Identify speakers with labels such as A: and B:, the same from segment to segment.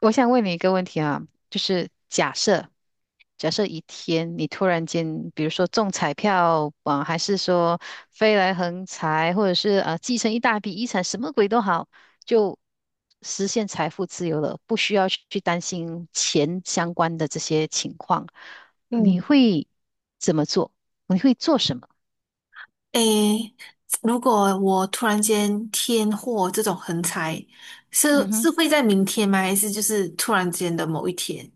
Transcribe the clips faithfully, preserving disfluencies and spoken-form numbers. A: 我想问你一个问题啊，就是假设，假设一天你突然间，比如说中彩票啊，还是说飞来横财，或者是啊继承一大笔遗产，什么鬼都好，就实现财富自由了，不需要去去担心钱相关的这些情况，你
B: 嗯。
A: 会怎么做？你会做什么？
B: 诶，如果我突然间天祸这种横财，
A: 嗯
B: 是
A: 哼。
B: 是会在明天吗？还是就是突然间的某一天？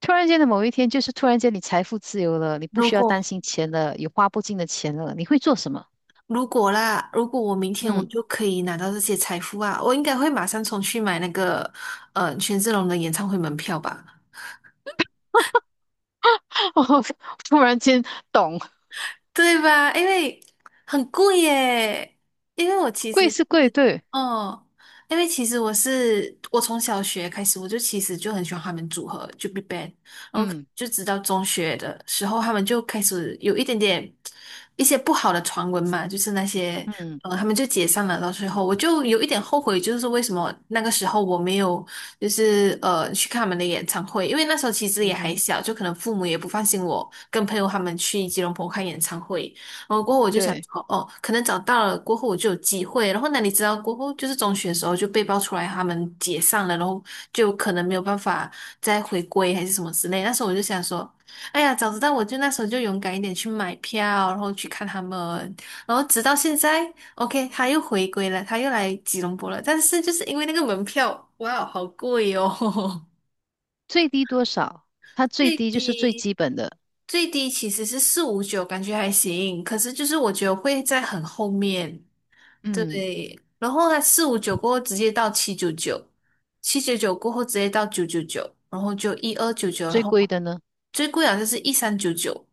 A: 突然间的某一天，就是突然间你财富自由了，你不
B: 如
A: 需要担
B: 果
A: 心钱了，有花不尽的钱了，你会做什么？
B: 如果啦，如果我明天我
A: 嗯。
B: 就可以拿到这些财富啊，我应该会马上冲去买那个呃权志龙的演唱会门票吧，
A: 哦，突然间懂，
B: 对吧？因为很贵耶。因为我其
A: 贵
B: 实
A: 是贵，
B: 是。
A: 对，
B: 哦。因为其实我是我从小学开始，我就其实就很喜欢他们组合，就 BigBang。然后
A: 嗯
B: 就直到中学的时候，他们就开始有一点点一些不好的传闻嘛，就是那些
A: 嗯
B: 呃，他们就解散了。到最后，我就有一点后悔，就是为什么那个时候我没有就是呃去看他们的演唱会，因为那时候其实也
A: 嗯
B: 还
A: 哼，
B: 小，就可能父母也不放心我跟朋友他们去吉隆坡看演唱会。然后过后我就想
A: 对，
B: 说，哦，可能找到了，过后我就有机会。然后哪你知道过后就是中学的时候就被爆出来他们解散了，然后就可能没有办法再回归还是什么之类。那时候我就想说，哎呀，早知道我就那时候就勇敢一点去买票，然后去看他们。然后直到现在，OK,他又回归了，他又来吉隆坡了。但是就是因为那个门票，哇，好贵哦。
A: 最低多少？它最
B: 最
A: 低就是最
B: 低
A: 基本的，
B: 最低其实是四五九，感觉还行。可是就是我觉得会在很后面。
A: 嗯，
B: 对。然后它四五九过后直接到七九九，七九九过后直接到九九九，然后就一二九九，然
A: 最
B: 后
A: 贵的呢
B: 最贵好像是一三九九，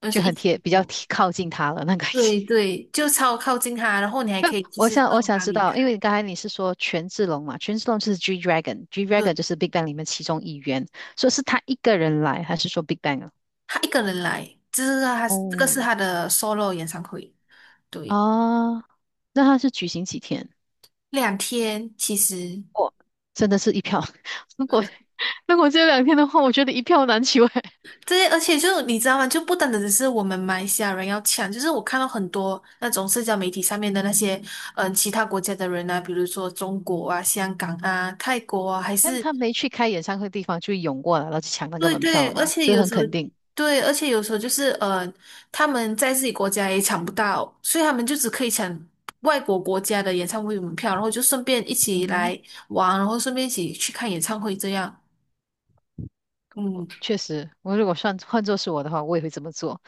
B: 就是
A: 就
B: 一
A: 很
B: 千
A: 贴，比较
B: 多。
A: 贴靠近它了那个。
B: 对 对，就超靠近他，然后你还
A: 那
B: 可以就
A: 我
B: 是
A: 想我
B: 送
A: 想
B: 他
A: 知
B: 离开。
A: 道，因为刚才你是说权志龙嘛，权志龙就是 G Dragon，G Dragon
B: 对，
A: 就是 Big Bang 里面其中一员，所以是他一个人来，还是说 Big Bang 啊？
B: 他一个人来，这是他这个
A: 哦，
B: 是他的 solo 演唱会。对，
A: 啊，那他是举行几天？
B: 两天其实。
A: 我真的是一票。如果如果只有两天的话，我觉得一票难求哎。
B: 对，而且就你知道吗？就不单单只是我们马来西亚人要抢，就是我看到很多那种社交媒体上面的那些，嗯，其他国家的人啊，比如说中国啊、香港啊、泰国啊，还
A: 但
B: 是。
A: 他没去开演唱会的地方，就涌过来了，就抢那个
B: 对
A: 门票
B: 对。
A: 了
B: 而
A: 嘛，
B: 且
A: 这
B: 有
A: 很
B: 时候。
A: 肯定。
B: 对，而且有时候就是呃，他们在自己国家也抢不到，所以他们就只可以抢外国国家的演唱会门票，然后就顺便一
A: 嗯
B: 起
A: 哼，
B: 来玩，然后顺便一起去看演唱会这样。嗯。
A: 确实，我如果算换做是我的话，我也会这么做。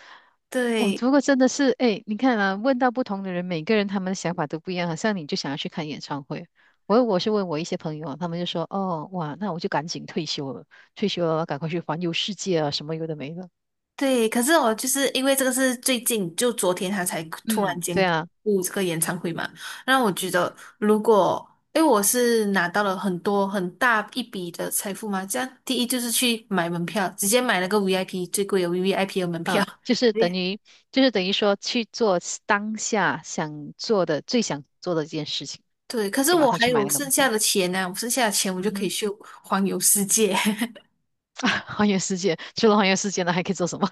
A: 我
B: 对。
A: 如果真的是哎，你看啊，问到不同的人，每个人他们的想法都不一样，好像你就想要去看演唱会。我我是问我一些朋友啊，他们就说，哦，哇，那我就赶紧退休了，退休了，赶快去环游世界啊，什么有的没的。
B: 对，可是我就是因为这个是最近，就昨天他才突然
A: 嗯，
B: 间
A: 对啊。
B: 录这个演唱会嘛，让我觉得如果，因为我是拿到了很多很大一笔的财富嘛，这样第一就是去买门票，直接买了个 V I P 最贵的 V I P 的门
A: 嗯，
B: 票。
A: 就是等
B: 对。
A: 于，就是等于说去做当下想做的、最想做的一件事情，
B: 对，可是
A: 就马
B: 我
A: 上
B: 还
A: 去买
B: 有
A: 那个
B: 剩
A: 门
B: 下
A: 票。
B: 的钱呢、我剩下的钱我就
A: 嗯
B: 可以
A: 哼，
B: 去环游世界。
A: 啊，环游世界，除了环游世界呢，还可以做什么？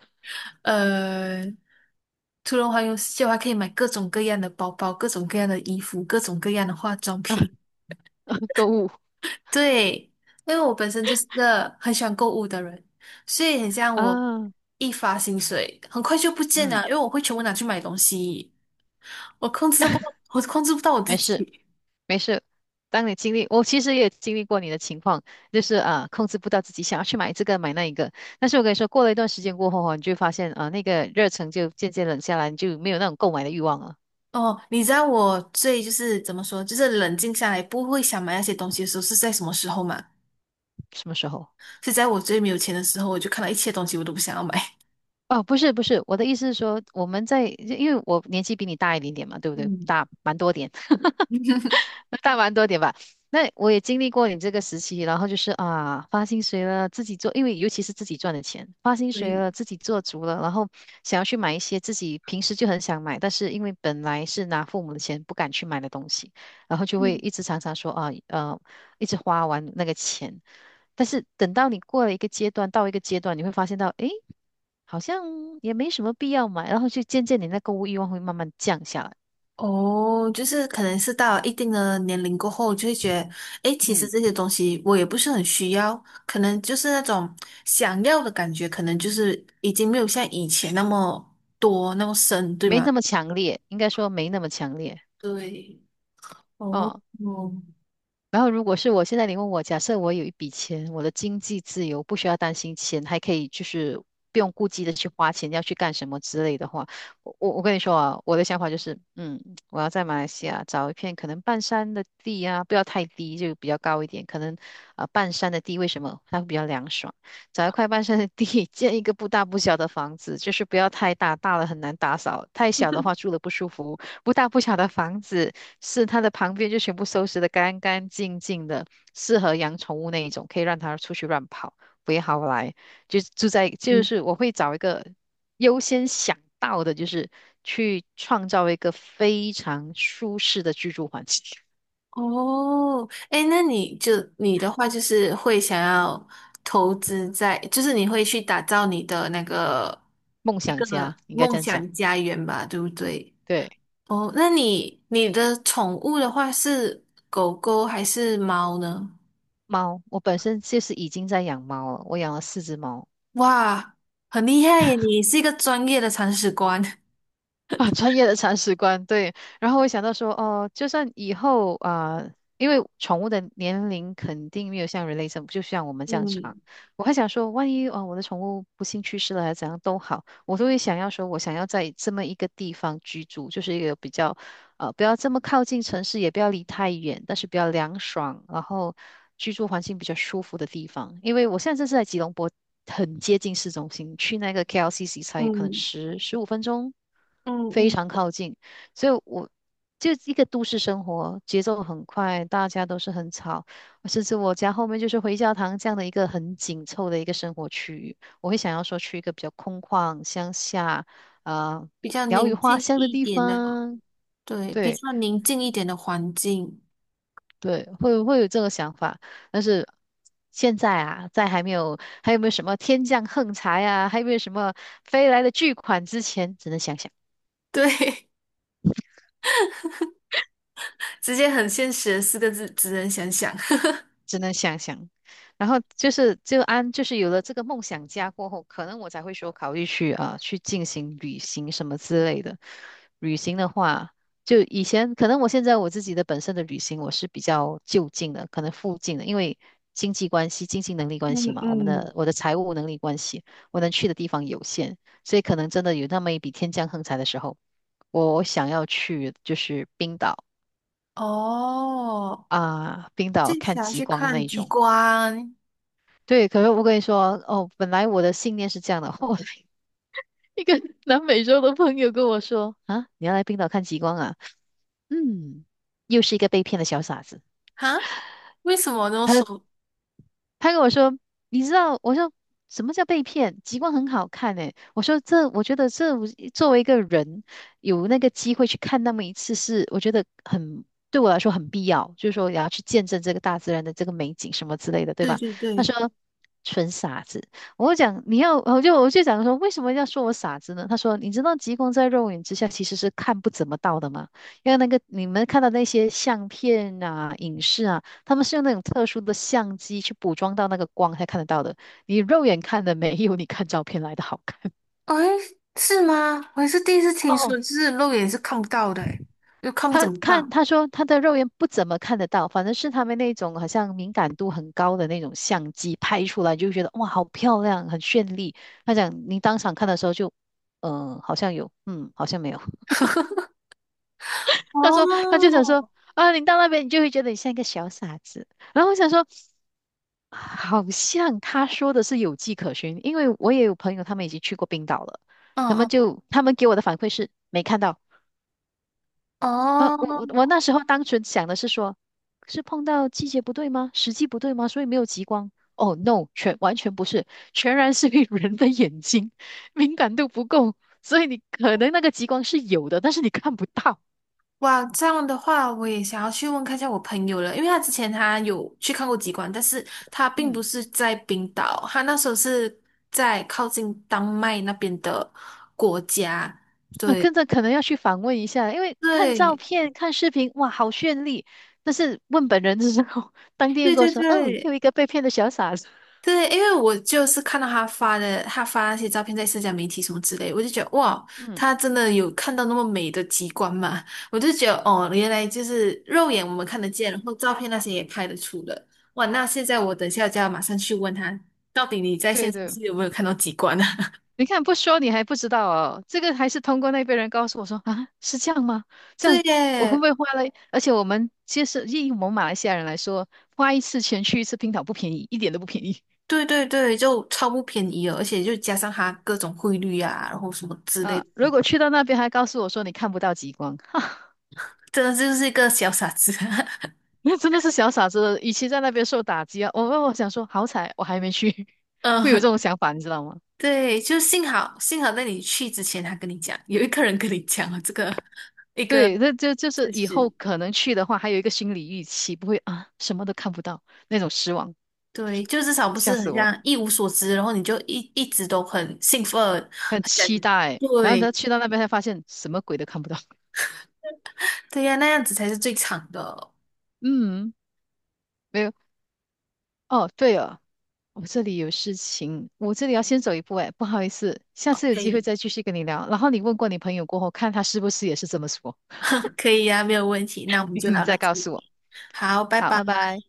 B: 呃，除了环游世界，我还可以买各种各样的包包、各种各样的衣服、各种各样的化妆
A: 啊，
B: 品。
A: 购物
B: 对，因为我本身就是个很喜欢购物的人，所以很像我
A: 啊，
B: 一发薪水很快就不见了，
A: 嗯，
B: 因为我会全部拿去买东西。我控制不到我控制不到我
A: 没
B: 自
A: 事
B: 己。
A: 没事。当你经历，我其实也经历过你的情况，就是啊，控制不到自己想要去买这个买那一个。但是我跟你说，过了一段时间过后哦，你就会发现啊，那个热忱就渐渐冷下来，你就没有那种购买的欲望了。
B: 哦，你知道我最就是怎么说，就是冷静下来不会想买那些东西的时候是在什么时候吗？
A: 什么时候？
B: 是在我最没有钱的时候，我就看到一切东西我都不想要买。
A: 哦，不是不是，我的意思是说，我们在，因为我年纪比你大一点点嘛，对不对？
B: 嗯。
A: 大蛮多点，大蛮多点吧。那我也经历过你这个时期，然后就是啊，发薪水了，自己做，因为尤其是自己赚的钱，发薪水
B: 对。
A: 了，自己做足了，然后想要去买一些自己平时就很想买，但是因为本来是拿父母的钱不敢去买的东西，然后就会一直常常说啊，呃，一直花完那个钱。但是等到你过了一个阶段，到一个阶段，你会发现到，诶。好像也没什么必要买，然后就渐渐你那购物欲望会慢慢降下来，
B: 哦，就是可能是到一定的年龄过后，就会觉得，诶，其实
A: 嗯，
B: 这些东西我也不是很需要，可能就是那种想要的感觉，可能就是已经没有像以前那么多那么深，对
A: 没
B: 吗？
A: 那么强烈，应该说没那么强烈。
B: 对。哦。
A: 哦。
B: 哦。
A: 然后，如果是我现在你问我，假设我有一笔钱，我的经济自由，不需要担心钱，还可以就是不用顾忌的去花钱，要去干什么之类的话，我我我跟你说啊，我的想法就是，嗯，我要在马来西亚找一片可能半山的地啊，不要太低，就比较高一点，可能啊、呃半山的地为什么它会比较凉爽？找一块半山的地，建一个不大不小的房子，就是不要太大，大了很难打扫，太小的话住了不舒服，不大不小的房子。是它的旁边就全部收拾的干干净净的，适合养宠物那一种，可以让它出去乱跑，不会好来。就住在，就
B: 嗯。
A: 是我会找一个优先想到的，就是去创造一个非常舒适的居住环境，
B: 哦。诶，那你就你的话就是会想要投资在，就是你会去打造你的那个
A: 梦
B: 这
A: 想
B: 个
A: 家应该
B: 梦
A: 这样讲。
B: 想家园吧，对不对？
A: 对，
B: 哦，那你你的宠物的话是狗狗还是猫呢？
A: 猫，我本身就是已经在养猫了，我养了四只猫。
B: 哇，很厉害耶！你是一个专业的铲屎官。
A: 啊，专业的铲屎官，对。然后我想到说，哦，就算以后啊、因为宠物的年龄肯定没有像人类这么，就像我们这样长。
B: 嗯
A: 我还想说，万一啊、呃我的宠物不幸去世了，还是怎样都好，我都会想要说，我想要在这么一个地方居住，就是一个比较啊，不要这么靠近城市，也不要离太远，但是比较凉爽，然后居住环境比较舒服的地方。因为我现在这是在吉隆坡，很接近市中心，去那个 K L C C 才可能
B: 嗯
A: 十十五分钟，
B: 嗯
A: 非
B: 嗯。
A: 常靠近。所以我就一个都市生活，节奏很快，大家都是很吵，甚至我家后面就是回教堂这样的一个很紧凑的一个生活区域，我会想要说去一个比较空旷、乡下，啊，
B: 比较
A: 鸟语
B: 宁
A: 花
B: 静
A: 香的
B: 一
A: 地
B: 点的。
A: 方。
B: 对，比
A: 对，
B: 较宁静一点的环境。
A: 对，会会有这个想法，但是现在啊，在还没有还有没有什么天降横财啊，还有没有什么飞来的巨款之前，只能想想。
B: 对。直接很现实的四个字，只能想想。
A: 只能想想。然后就是就安，就是有了这个梦想家过后，可能我才会说考虑去啊呃去进行旅行什么之类的。旅行的话，就以前可能我现在我自己的本身的旅行我是比较就近的，可能附近的，因为经济关系、经济能力
B: 嗯
A: 关系嘛，我们
B: 嗯。
A: 的我的财务能力关系，我能去的地方有限，所以可能真的有那么一笔天降横财的时候，我想要去就是冰岛
B: 哦，
A: 啊，冰岛
B: 这
A: 看
B: 次要
A: 极
B: 去
A: 光那
B: 看
A: 一
B: 极
A: 种。
B: 光
A: 对，可是我跟你说，哦，本来我的信念是这样的。后来一个南美洲的朋友跟我说：“啊，你要来冰岛看极光啊？”嗯，又是一个被骗的小傻子。
B: 哈？为什么那么说？
A: 他跟我说，你知道，我说什么叫被骗？极光很好看诶、我说这，我觉得这作为一个人有那个机会去看那么一次是，我觉得很对我来说很必要，就是说也要去见证这个大自然的这个美景什么之类的，对
B: 对
A: 吧？
B: 对
A: 他
B: 对。
A: 说纯傻子，我讲你要，我就我就讲说为什么要说我傻子呢？他说你知道极光在肉眼之下其实是看不怎么到的吗？因为那个你们看到那些相片啊、影视啊。他们是用那种特殊的相机去捕捉到那个光才看得到的，你肉眼看的没有你看照片来的好看。
B: 哎，是吗？我还是第一次听说，
A: 哦，
B: 就是肉眼是看不到的欸。诶又看不怎
A: 他
B: 么到。
A: 看他说他的肉眼不怎么看得到，反正是他们那种好像敏感度很高的那种相机拍出来就觉得哇好漂亮，很绚丽。他讲你当场看的时候就，嗯、好像有，嗯，好像没有。他说他就
B: 哦。
A: 想说啊，你到那边你就会觉得你像一个小傻子。然后我想说。好像他说的是有迹可循，因为我也有朋友他们已经去过冰岛了，
B: 嗯
A: 他们
B: 嗯。
A: 就他们给我的反馈是没看到。呃，
B: 哦。
A: 我我我那时候单纯想的是说，是碰到季节不对吗？时机不对吗？所以没有极光。哦，no，全完全不是，全然是因为人的眼睛敏感度不够，所以你可能那个极光是有的，但是你看不到。
B: 哇，这样的话，我也想要去问看一下我朋友了，因为他之前他有去看过极光，但是他并
A: 嗯。
B: 不是在冰岛，他那时候是在靠近丹麦那边的国家。
A: 那
B: 对。
A: 跟着可能要去访问一下，因为看照
B: 对。
A: 片、看视频，哇，好绚丽。但是问本人的时候，当地人
B: 对
A: 跟我
B: 对
A: 说：“嗯，
B: 对。
A: 又一个被骗的小傻子。”
B: 对，因为我就是看到他发的，他发那些照片在社交媒体什么之类，我就觉得哇，
A: 嗯，
B: 他真的有看到那么美的极光嘛？我就觉得哦，原来就是肉眼我们看得见，然后照片那些也拍得出的。哇，那现在我等下就要马上去问他，到底你在现
A: 对
B: 场
A: 对，
B: 是有没有看到极光啊？
A: 你看不说你还不知道哦，这个还是通过那边人告诉我说啊，是这样吗？这
B: 对
A: 样我会不
B: 耶。
A: 会花了？而且我们其实以我们马来西亚人来说，花一次钱去一次冰岛不便宜，一点都不便宜
B: 对对对，就超不便宜了，而且就加上他各种汇率啊，然后什么 之类
A: 啊。
B: 的，
A: 如果去到那边还告诉我说你看不到极光，哈。
B: 真的就是一个小傻子。
A: 那真的是小傻子，与其在那边受打击啊，我我我想说，好彩我还没去，会有这
B: 嗯。
A: 种想法，你知道吗？
B: 对，就幸好幸好在你去之前，他跟你讲，有一个人跟你讲了这个一个
A: 对，那就就是
B: 事
A: 以后
B: 实。
A: 可能去的话，还有一个心理预期，不会啊，什么都看不到那种失望，
B: 对，就至少不
A: 吓
B: 是
A: 死
B: 很
A: 我了，
B: 像一无所知，然后你就一一直都很兴奋，
A: 很
B: 很想。
A: 期待。然后他
B: 对
A: 去到那边才发现什么鬼都看不到。
B: 对呀、那样子才是最长的。
A: 嗯，没有。哦，对哦，我这里有事情，我这里要先走一步，哎，不好意思，下次有
B: 可
A: 机会
B: 以，
A: 再继续跟你聊。然后你问过你朋友过后，看他是不是也是这么说，
B: 可以呀、没有问题。那我 们就
A: 你
B: 聊到
A: 再
B: 这
A: 告
B: 里。
A: 诉我。
B: 好，拜
A: 好，
B: 拜。
A: 拜拜。